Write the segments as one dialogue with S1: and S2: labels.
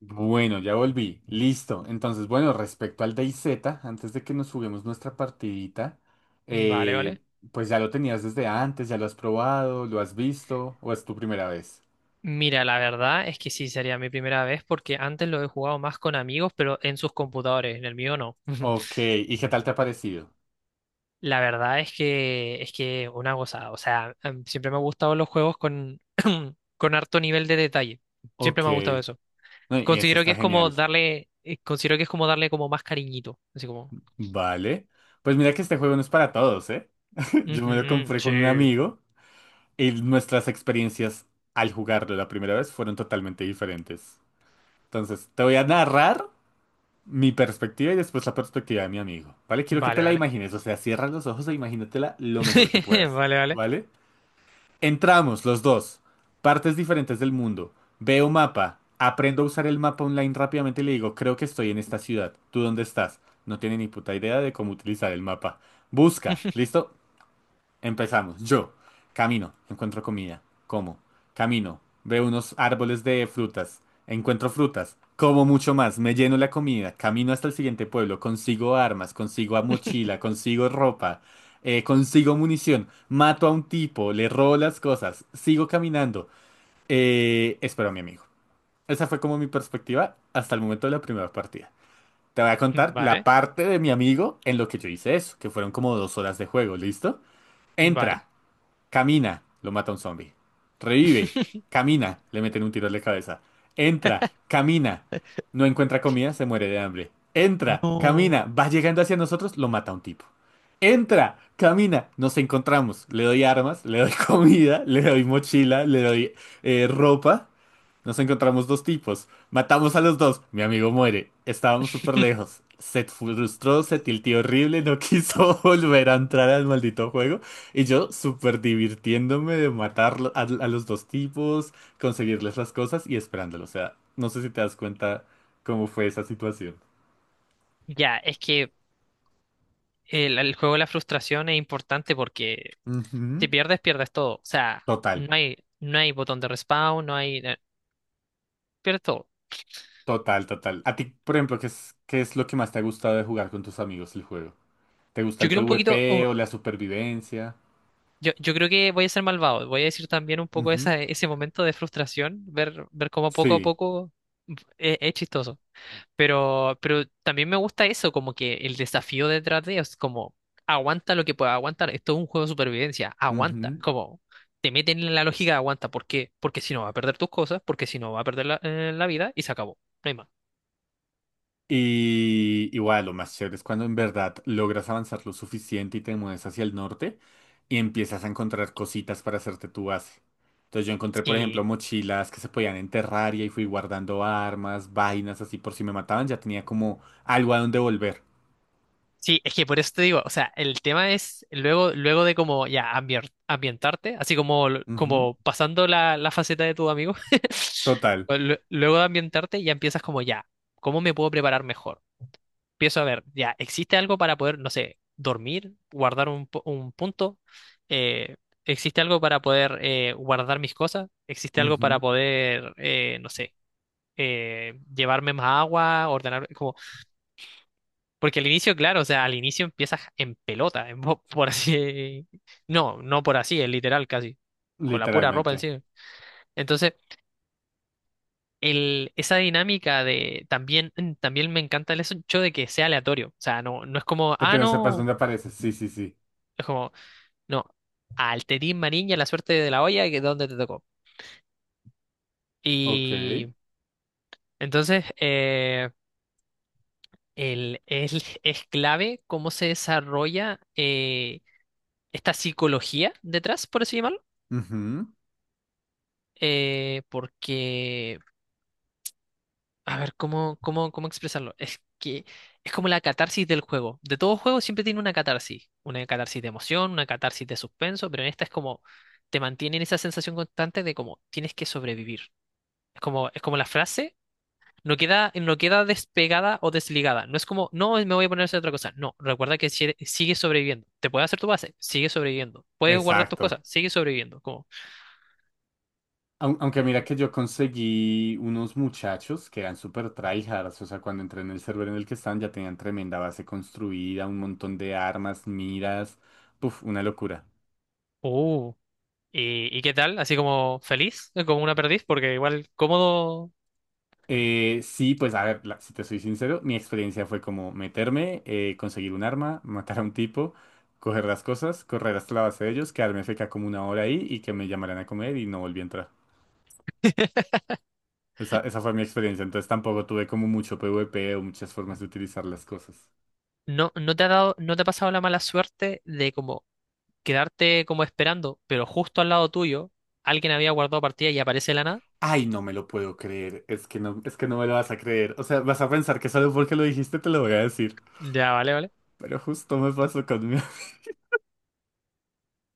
S1: Bueno, ya volví. Listo. Entonces, bueno, respecto al DayZ, antes de que nos juguemos nuestra partidita,
S2: Vale,
S1: eh,
S2: vale.
S1: pues ya lo tenías desde antes, ya lo has probado, lo has visto, ¿o es tu primera vez?
S2: Mira, la verdad es que sí sería mi primera vez porque antes lo he jugado más con amigos, pero en sus computadores, en el mío no.
S1: Ok, ¿y qué tal te ha parecido?
S2: La verdad es que una gozada. O sea, siempre me han gustado los juegos con harto nivel de detalle. Siempre
S1: Ok.
S2: me ha gustado eso.
S1: No, y ese
S2: Considero que
S1: está
S2: es como
S1: genial.
S2: considero que es como darle como más cariñito. Así como.
S1: Vale. Pues mira que este juego no es para todos, ¿eh? Yo me lo
S2: "Ujú,
S1: compré con un
S2: sí.
S1: amigo y nuestras experiencias al jugarlo la primera vez fueron totalmente diferentes. Entonces, te voy a narrar mi perspectiva y después la perspectiva de mi amigo, ¿vale? Quiero que te
S2: Vale,
S1: la
S2: vale.
S1: imagines, o sea, cierra los ojos e imagínatela lo mejor que puedas,
S2: Vale, vale.
S1: ¿vale? Entramos los dos, partes diferentes del mundo, veo mapa, aprendo a usar el mapa online rápidamente y le digo, creo que estoy en esta ciudad, ¿tú dónde estás? No tiene ni puta idea de cómo utilizar el mapa. Busca, ¿listo? Empezamos. Yo camino, encuentro comida, como. Camino, veo unos árboles de frutas, encuentro frutas, como mucho más, me lleno la comida, camino hasta el siguiente pueblo, consigo armas, consigo a mochila, consigo ropa, consigo munición, mato a un tipo, le robo las cosas, sigo caminando, espero a mi amigo. Esa fue como mi perspectiva hasta el momento de la primera partida. Te voy a contar la
S2: Vale,
S1: parte de mi amigo en lo que yo hice eso, que fueron como 2 horas de juego, ¿listo?
S2: vale.
S1: Entra. Camina, lo mata un zombie. Revive, camina, le meten un tiro en la cabeza. Entra, camina, no encuentra comida, se muere de hambre. Entra,
S2: No.
S1: camina, va llegando hacia nosotros, lo mata un tipo. Entra, camina, nos encontramos. Le doy armas, le doy comida, le doy mochila, le doy ropa. Nos encontramos dos tipos. Matamos a los dos. Mi amigo muere. Estábamos súper lejos. Se frustró, se tiltió horrible, no quiso volver a entrar al maldito juego. Y yo súper divirtiéndome de matar a los dos tipos, conseguirles las cosas y esperándolo. O sea, no sé si te das cuenta cómo fue esa situación.
S2: Ya, es que el juego de la frustración es importante porque si
S1: Ujú.
S2: pierdes, pierdes todo. O sea,
S1: Total,
S2: no hay botón de respawn, no hay... pierdes todo.
S1: total, total. A ti, por ejemplo, qué es lo que más te ha gustado de jugar con tus amigos el juego? ¿Te gusta
S2: Yo
S1: el
S2: creo un poquito...
S1: PvP
S2: oh,
S1: o la supervivencia?
S2: yo creo que voy a ser malvado. Voy a decir también un poco
S1: Ujú.
S2: ese momento de frustración, ver cómo poco a
S1: Sí.
S2: poco es chistoso. Pero también me gusta eso, como que el desafío detrás de es como aguanta lo que pueda aguantar. Esto es un juego de supervivencia, aguanta. Como te meten en la lógica, de aguanta. ¿Por qué? Porque si no va a perder tus cosas, porque si no va a perder la vida y se acabó. No hay más.
S1: Y igual, lo más chévere es cuando en verdad logras avanzar lo suficiente y te mueves hacia el norte y empiezas a encontrar cositas para hacerte tu base. Entonces yo encontré, por ejemplo,
S2: Sí,
S1: mochilas que se podían enterrar y ahí fui guardando armas, vainas así por si me mataban, ya tenía como algo a donde volver.
S2: sí, es que por eso te digo, o sea, el tema es luego de como ya ambientarte, así como,
S1: Ujú.
S2: como pasando la faceta de tu amigo,
S1: Total.
S2: luego de ambientarte ya empiezas como ya, ¿cómo me puedo preparar mejor? Empiezo a ver, ya, ¿existe algo para poder, no sé, dormir, guardar un punto? Eh, ¿Existe algo para poder guardar mis cosas? ¿Existe algo para
S1: Ujú.
S2: poder, no sé, llevarme más agua, ordenar, como, porque al inicio, claro, o sea, al inicio empiezas en pelota, por así, no, no por así, es literal casi, con la pura ropa
S1: Literalmente.
S2: encima. Entonces, esa dinámica de también, también me encanta el hecho de que sea aleatorio. O sea, no, no es como,
S1: De que
S2: ah,
S1: no sepas
S2: no.
S1: dónde apareces. Sí, sí, sí.
S2: Es como, no, al Tetín Marín a la suerte de la olla, que es donde te tocó.
S1: Ok.
S2: Y entonces, el, el- es clave cómo se desarrolla esta psicología detrás, por así llamarlo.
S1: Ujú.
S2: eh, porque, a ver, ¿cómo expresarlo? Es que es como la catarsis del juego. De todo juego siempre tiene una catarsis. Una catarsis de emoción, una catarsis de suspenso, pero en esta es como te mantienen esa sensación constante de como tienes que sobrevivir. Es como la frase. No queda despegada o desligada. No es como, no, me voy a poner a hacer otra cosa. No, recuerda que sigue sobreviviendo. Te puedes hacer tu base, sigue sobreviviendo. Puedes guardar tus cosas,
S1: Exacto.
S2: sigue sobreviviendo. Como,
S1: Aunque
S2: mm,
S1: mira
S2: mm,
S1: que yo conseguí unos muchachos que eran súper tryhards, o sea, cuando entré en el server en el que estaban ya tenían tremenda base construida, un montón de armas, miras, puf, una locura.
S2: uh, y qué tal? Así como feliz, como una perdiz, porque igual cómodo.
S1: Sí, pues a ver, si te soy sincero, mi experiencia fue como meterme, conseguir un arma, matar a un tipo, coger las cosas, correr hasta la base de ellos, quedarme feca como una hora ahí y que me llamaran a comer y no volví a entrar. Esa fue mi experiencia, entonces tampoco tuve como mucho PvP o muchas formas de utilizar las cosas.
S2: No, no te ha pasado la mala suerte de como quedarte como esperando, pero justo al lado tuyo alguien había guardado partida y aparece de la nada.
S1: Ay, no me lo puedo creer. Es que no me lo vas a creer. O sea, vas a pensar que solo porque lo dijiste te lo voy a decir.
S2: Ya, vale, vale.
S1: Pero justo me pasó conmigo.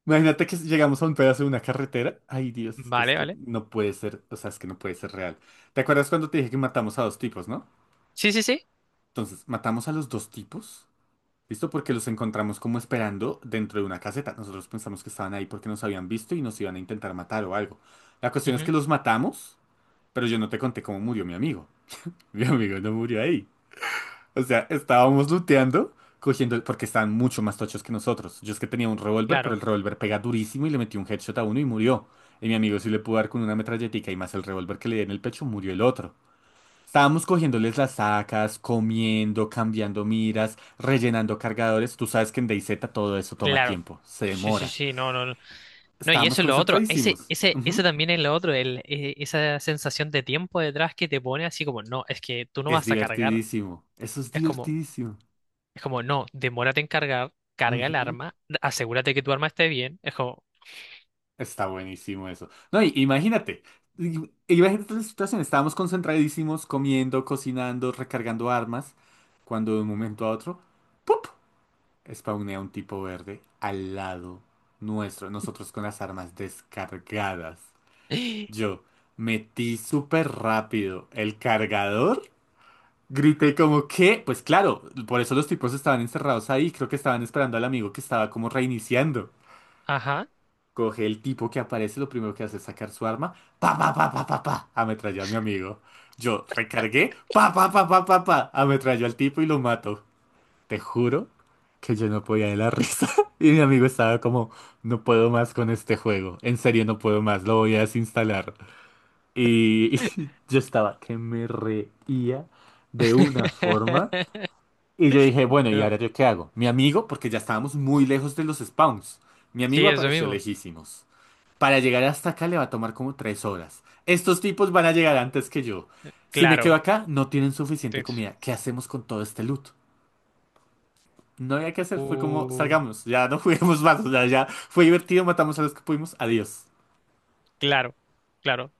S1: Imagínate que llegamos a un pedazo de una carretera. Ay, Dios, es que es
S2: Vale,
S1: que
S2: vale.
S1: no puede ser. O sea, es que no puede ser real. ¿Te acuerdas cuando te dije que matamos a dos tipos, no?
S2: Sí, sí, sí.
S1: Entonces, matamos a los dos tipos. ¿Listo? Porque los encontramos como esperando dentro de una caseta. Nosotros pensamos que estaban ahí porque nos habían visto y nos iban a intentar matar o algo. La cuestión es que
S2: Ujú,
S1: los matamos, pero yo no te conté cómo murió mi amigo. Mi amigo no murió ahí. O sea, estábamos looteando, cogiendo, porque estaban mucho más tochos que nosotros. Yo es que tenía un revólver, pero el
S2: claro.
S1: revólver pega durísimo y le metí un headshot a uno y murió. Y mi amigo sí le pudo dar con una metralletica y más el revólver que le di en el pecho, murió el otro. Estábamos cogiéndoles las sacas, comiendo, cambiando miras, rellenando cargadores. Tú sabes que en DayZ todo eso toma
S2: Claro.
S1: tiempo, se
S2: Sí, sí,
S1: demora.
S2: sí, no, no, no. No, y
S1: Estábamos
S2: eso es lo otro.
S1: concentradísimos.
S2: Ese
S1: Ujú.
S2: también es lo otro, esa sensación de tiempo detrás que te pone así como, no, es que tú no
S1: Es
S2: vas a cargar.
S1: divertidísimo. Eso es
S2: Es como,
S1: divertidísimo.
S2: es como, no, demórate en cargar, carga el
S1: Ujú.
S2: arma, asegúrate que tu arma esté bien. Es como,
S1: Está buenísimo eso. No, imagínate, imagínate la situación, estábamos concentradísimos comiendo, cocinando, recargando armas, cuando de un momento a otro, ¡pup! Spawnea un tipo verde al lado nuestro, nosotros con las armas descargadas. Yo metí súper rápido el cargador, grité como, ¿qué? Pues claro, por eso los tipos estaban encerrados ahí, creo que estaban esperando al amigo que estaba como reiniciando.
S2: ajá.
S1: Coge el tipo que aparece, lo primero que hace es sacar su arma, pa pa pa pa pa pa, ametralló a mi amigo. Yo recargué, pa pa pa pa pa pa, ametralló al tipo y lo mato. Te juro que yo no podía de la risa. Y mi amigo estaba como, no puedo más con este juego, en serio no puedo más, lo voy a desinstalar. Y yo estaba que me reía de una forma. Y yo dije, bueno, ¿y
S2: Yo,
S1: ahora yo qué hago? Mi amigo, porque ya estábamos muy lejos de los spawns, mi amigo
S2: sí, eso
S1: apareció
S2: mismo.
S1: lejísimos. Para llegar hasta acá le va a tomar como 3 horas. Estos tipos van a llegar antes que yo. Si me quedo
S2: Claro.
S1: acá, no tienen suficiente
S2: Entonces,
S1: comida. ¿Qué hacemos con todo este loot? No había que hacer, fue como,
S2: uh,
S1: salgamos, ya no juguemos más, o sea, ya fue divertido, matamos a los que pudimos, adiós.
S2: claro, claro.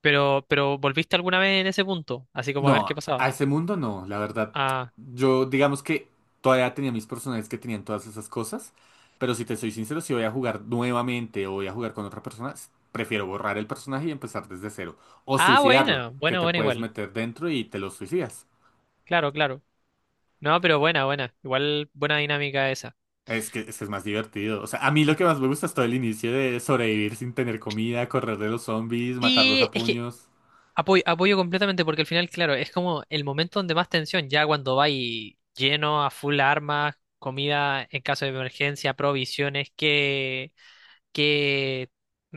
S2: Pero ¿volviste alguna vez en ese punto? Así como a ver qué
S1: No, a
S2: pasaba.
S1: ese mundo no, la verdad.
S2: Ah,
S1: Yo, digamos que todavía tenía mis personajes que tenían todas esas cosas, pero si te soy sincero, si voy a jugar nuevamente o voy a jugar con otra persona, prefiero borrar el personaje y empezar desde cero. O
S2: ah,
S1: suicidarlo,
S2: bueno,
S1: que
S2: bueno,
S1: te
S2: bueno,
S1: puedes
S2: igual.
S1: meter dentro y te lo suicidas.
S2: Claro, claro. No, pero buena, buena. Igual buena dinámica esa.
S1: Es que es más divertido. O sea, a mí lo que más
S2: Ujú.
S1: me gusta es todo el inicio de sobrevivir sin tener comida, correr de los zombies, matarlos
S2: Sí,
S1: a
S2: es que
S1: puños.
S2: apoyo, apoyo completamente porque al final, claro, es como el momento donde más tensión, ya cuando va y lleno a full armas, comida en caso de emergencia, provisiones, que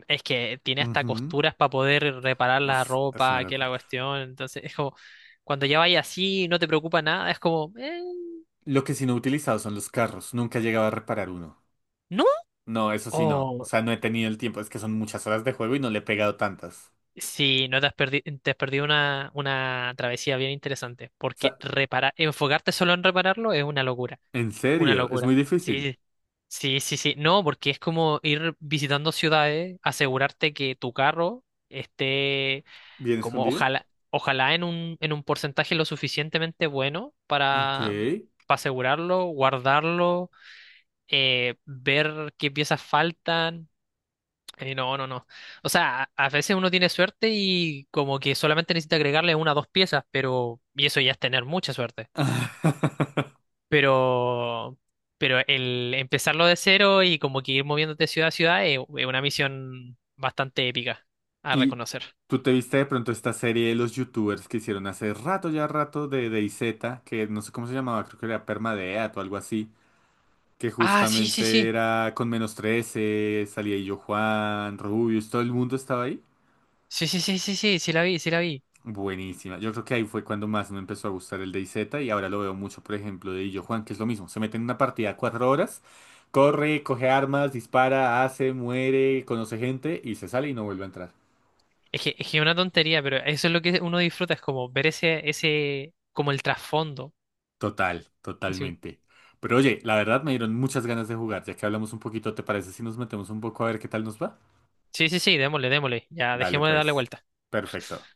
S2: es que tiene hasta
S1: Ujú.
S2: costuras para poder reparar la
S1: Uf, es una
S2: ropa, que la
S1: locura.
S2: cuestión. Entonces, es como cuando ya vaya así, no te preocupa nada, es como,
S1: Lo que sí no he utilizado son los carros. Nunca he llegado a reparar uno.
S2: ¿no?
S1: No, eso sí no. O sea, no he tenido el tiempo. Es que son muchas horas de juego y no le he pegado tantas.
S2: Sí, no te has perdido, te has perdido una travesía bien interesante,
S1: O
S2: porque
S1: sea,
S2: reparar, enfocarte solo en repararlo es una locura,
S1: en
S2: una
S1: serio, es
S2: locura.
S1: muy difícil.
S2: Sí, sí, sí, sí. No, porque es como ir visitando ciudades, asegurarte que tu carro esté
S1: ¿Bien
S2: como
S1: escondido?
S2: ojalá, ojalá en un porcentaje lo suficientemente bueno
S1: Ok.
S2: para asegurarlo, guardarlo, ver qué piezas faltan no, no, no. O sea, a veces uno tiene suerte y como que solamente necesita agregarle una o dos piezas, pero... Y eso ya es tener mucha suerte. Pero... Pero el empezarlo de cero y como que ir moviéndote ciudad a ciudad es una misión bastante épica a
S1: Y
S2: reconocer.
S1: tú te viste de pronto esta serie de los youtubers que hicieron hace rato, ya rato, de DayZ, que no sé cómo se llamaba, creo que era Permadeath o algo así, que
S2: Ah, sí, sí,
S1: justamente
S2: sí.
S1: era con -13, salía yo, Juan, Rubius, todo el mundo estaba ahí.
S2: Sí, sí, sí, sí, sí, sí la vi, sí la vi.
S1: Buenísima. Yo creo que ahí fue cuando más me empezó a gustar el DayZ y ahora lo veo mucho, por ejemplo, de Illo Juan, que es lo mismo. Se mete en una partida 4 horas, corre, coge armas, dispara, hace, muere, conoce gente y se sale y no vuelve a entrar.
S2: Es que es una tontería, pero eso es lo que uno disfruta, es como ver ese, como el trasfondo.
S1: Total,
S2: Así,
S1: totalmente. Pero oye, la verdad me dieron muchas ganas de jugar, ya que hablamos un poquito, ¿te parece si nos metemos un poco a ver qué tal nos va?
S2: sí, sí, sí, démosle, démosle. Ya,
S1: Dale
S2: dejemos de darle
S1: pues.
S2: vuelta.
S1: Perfecto.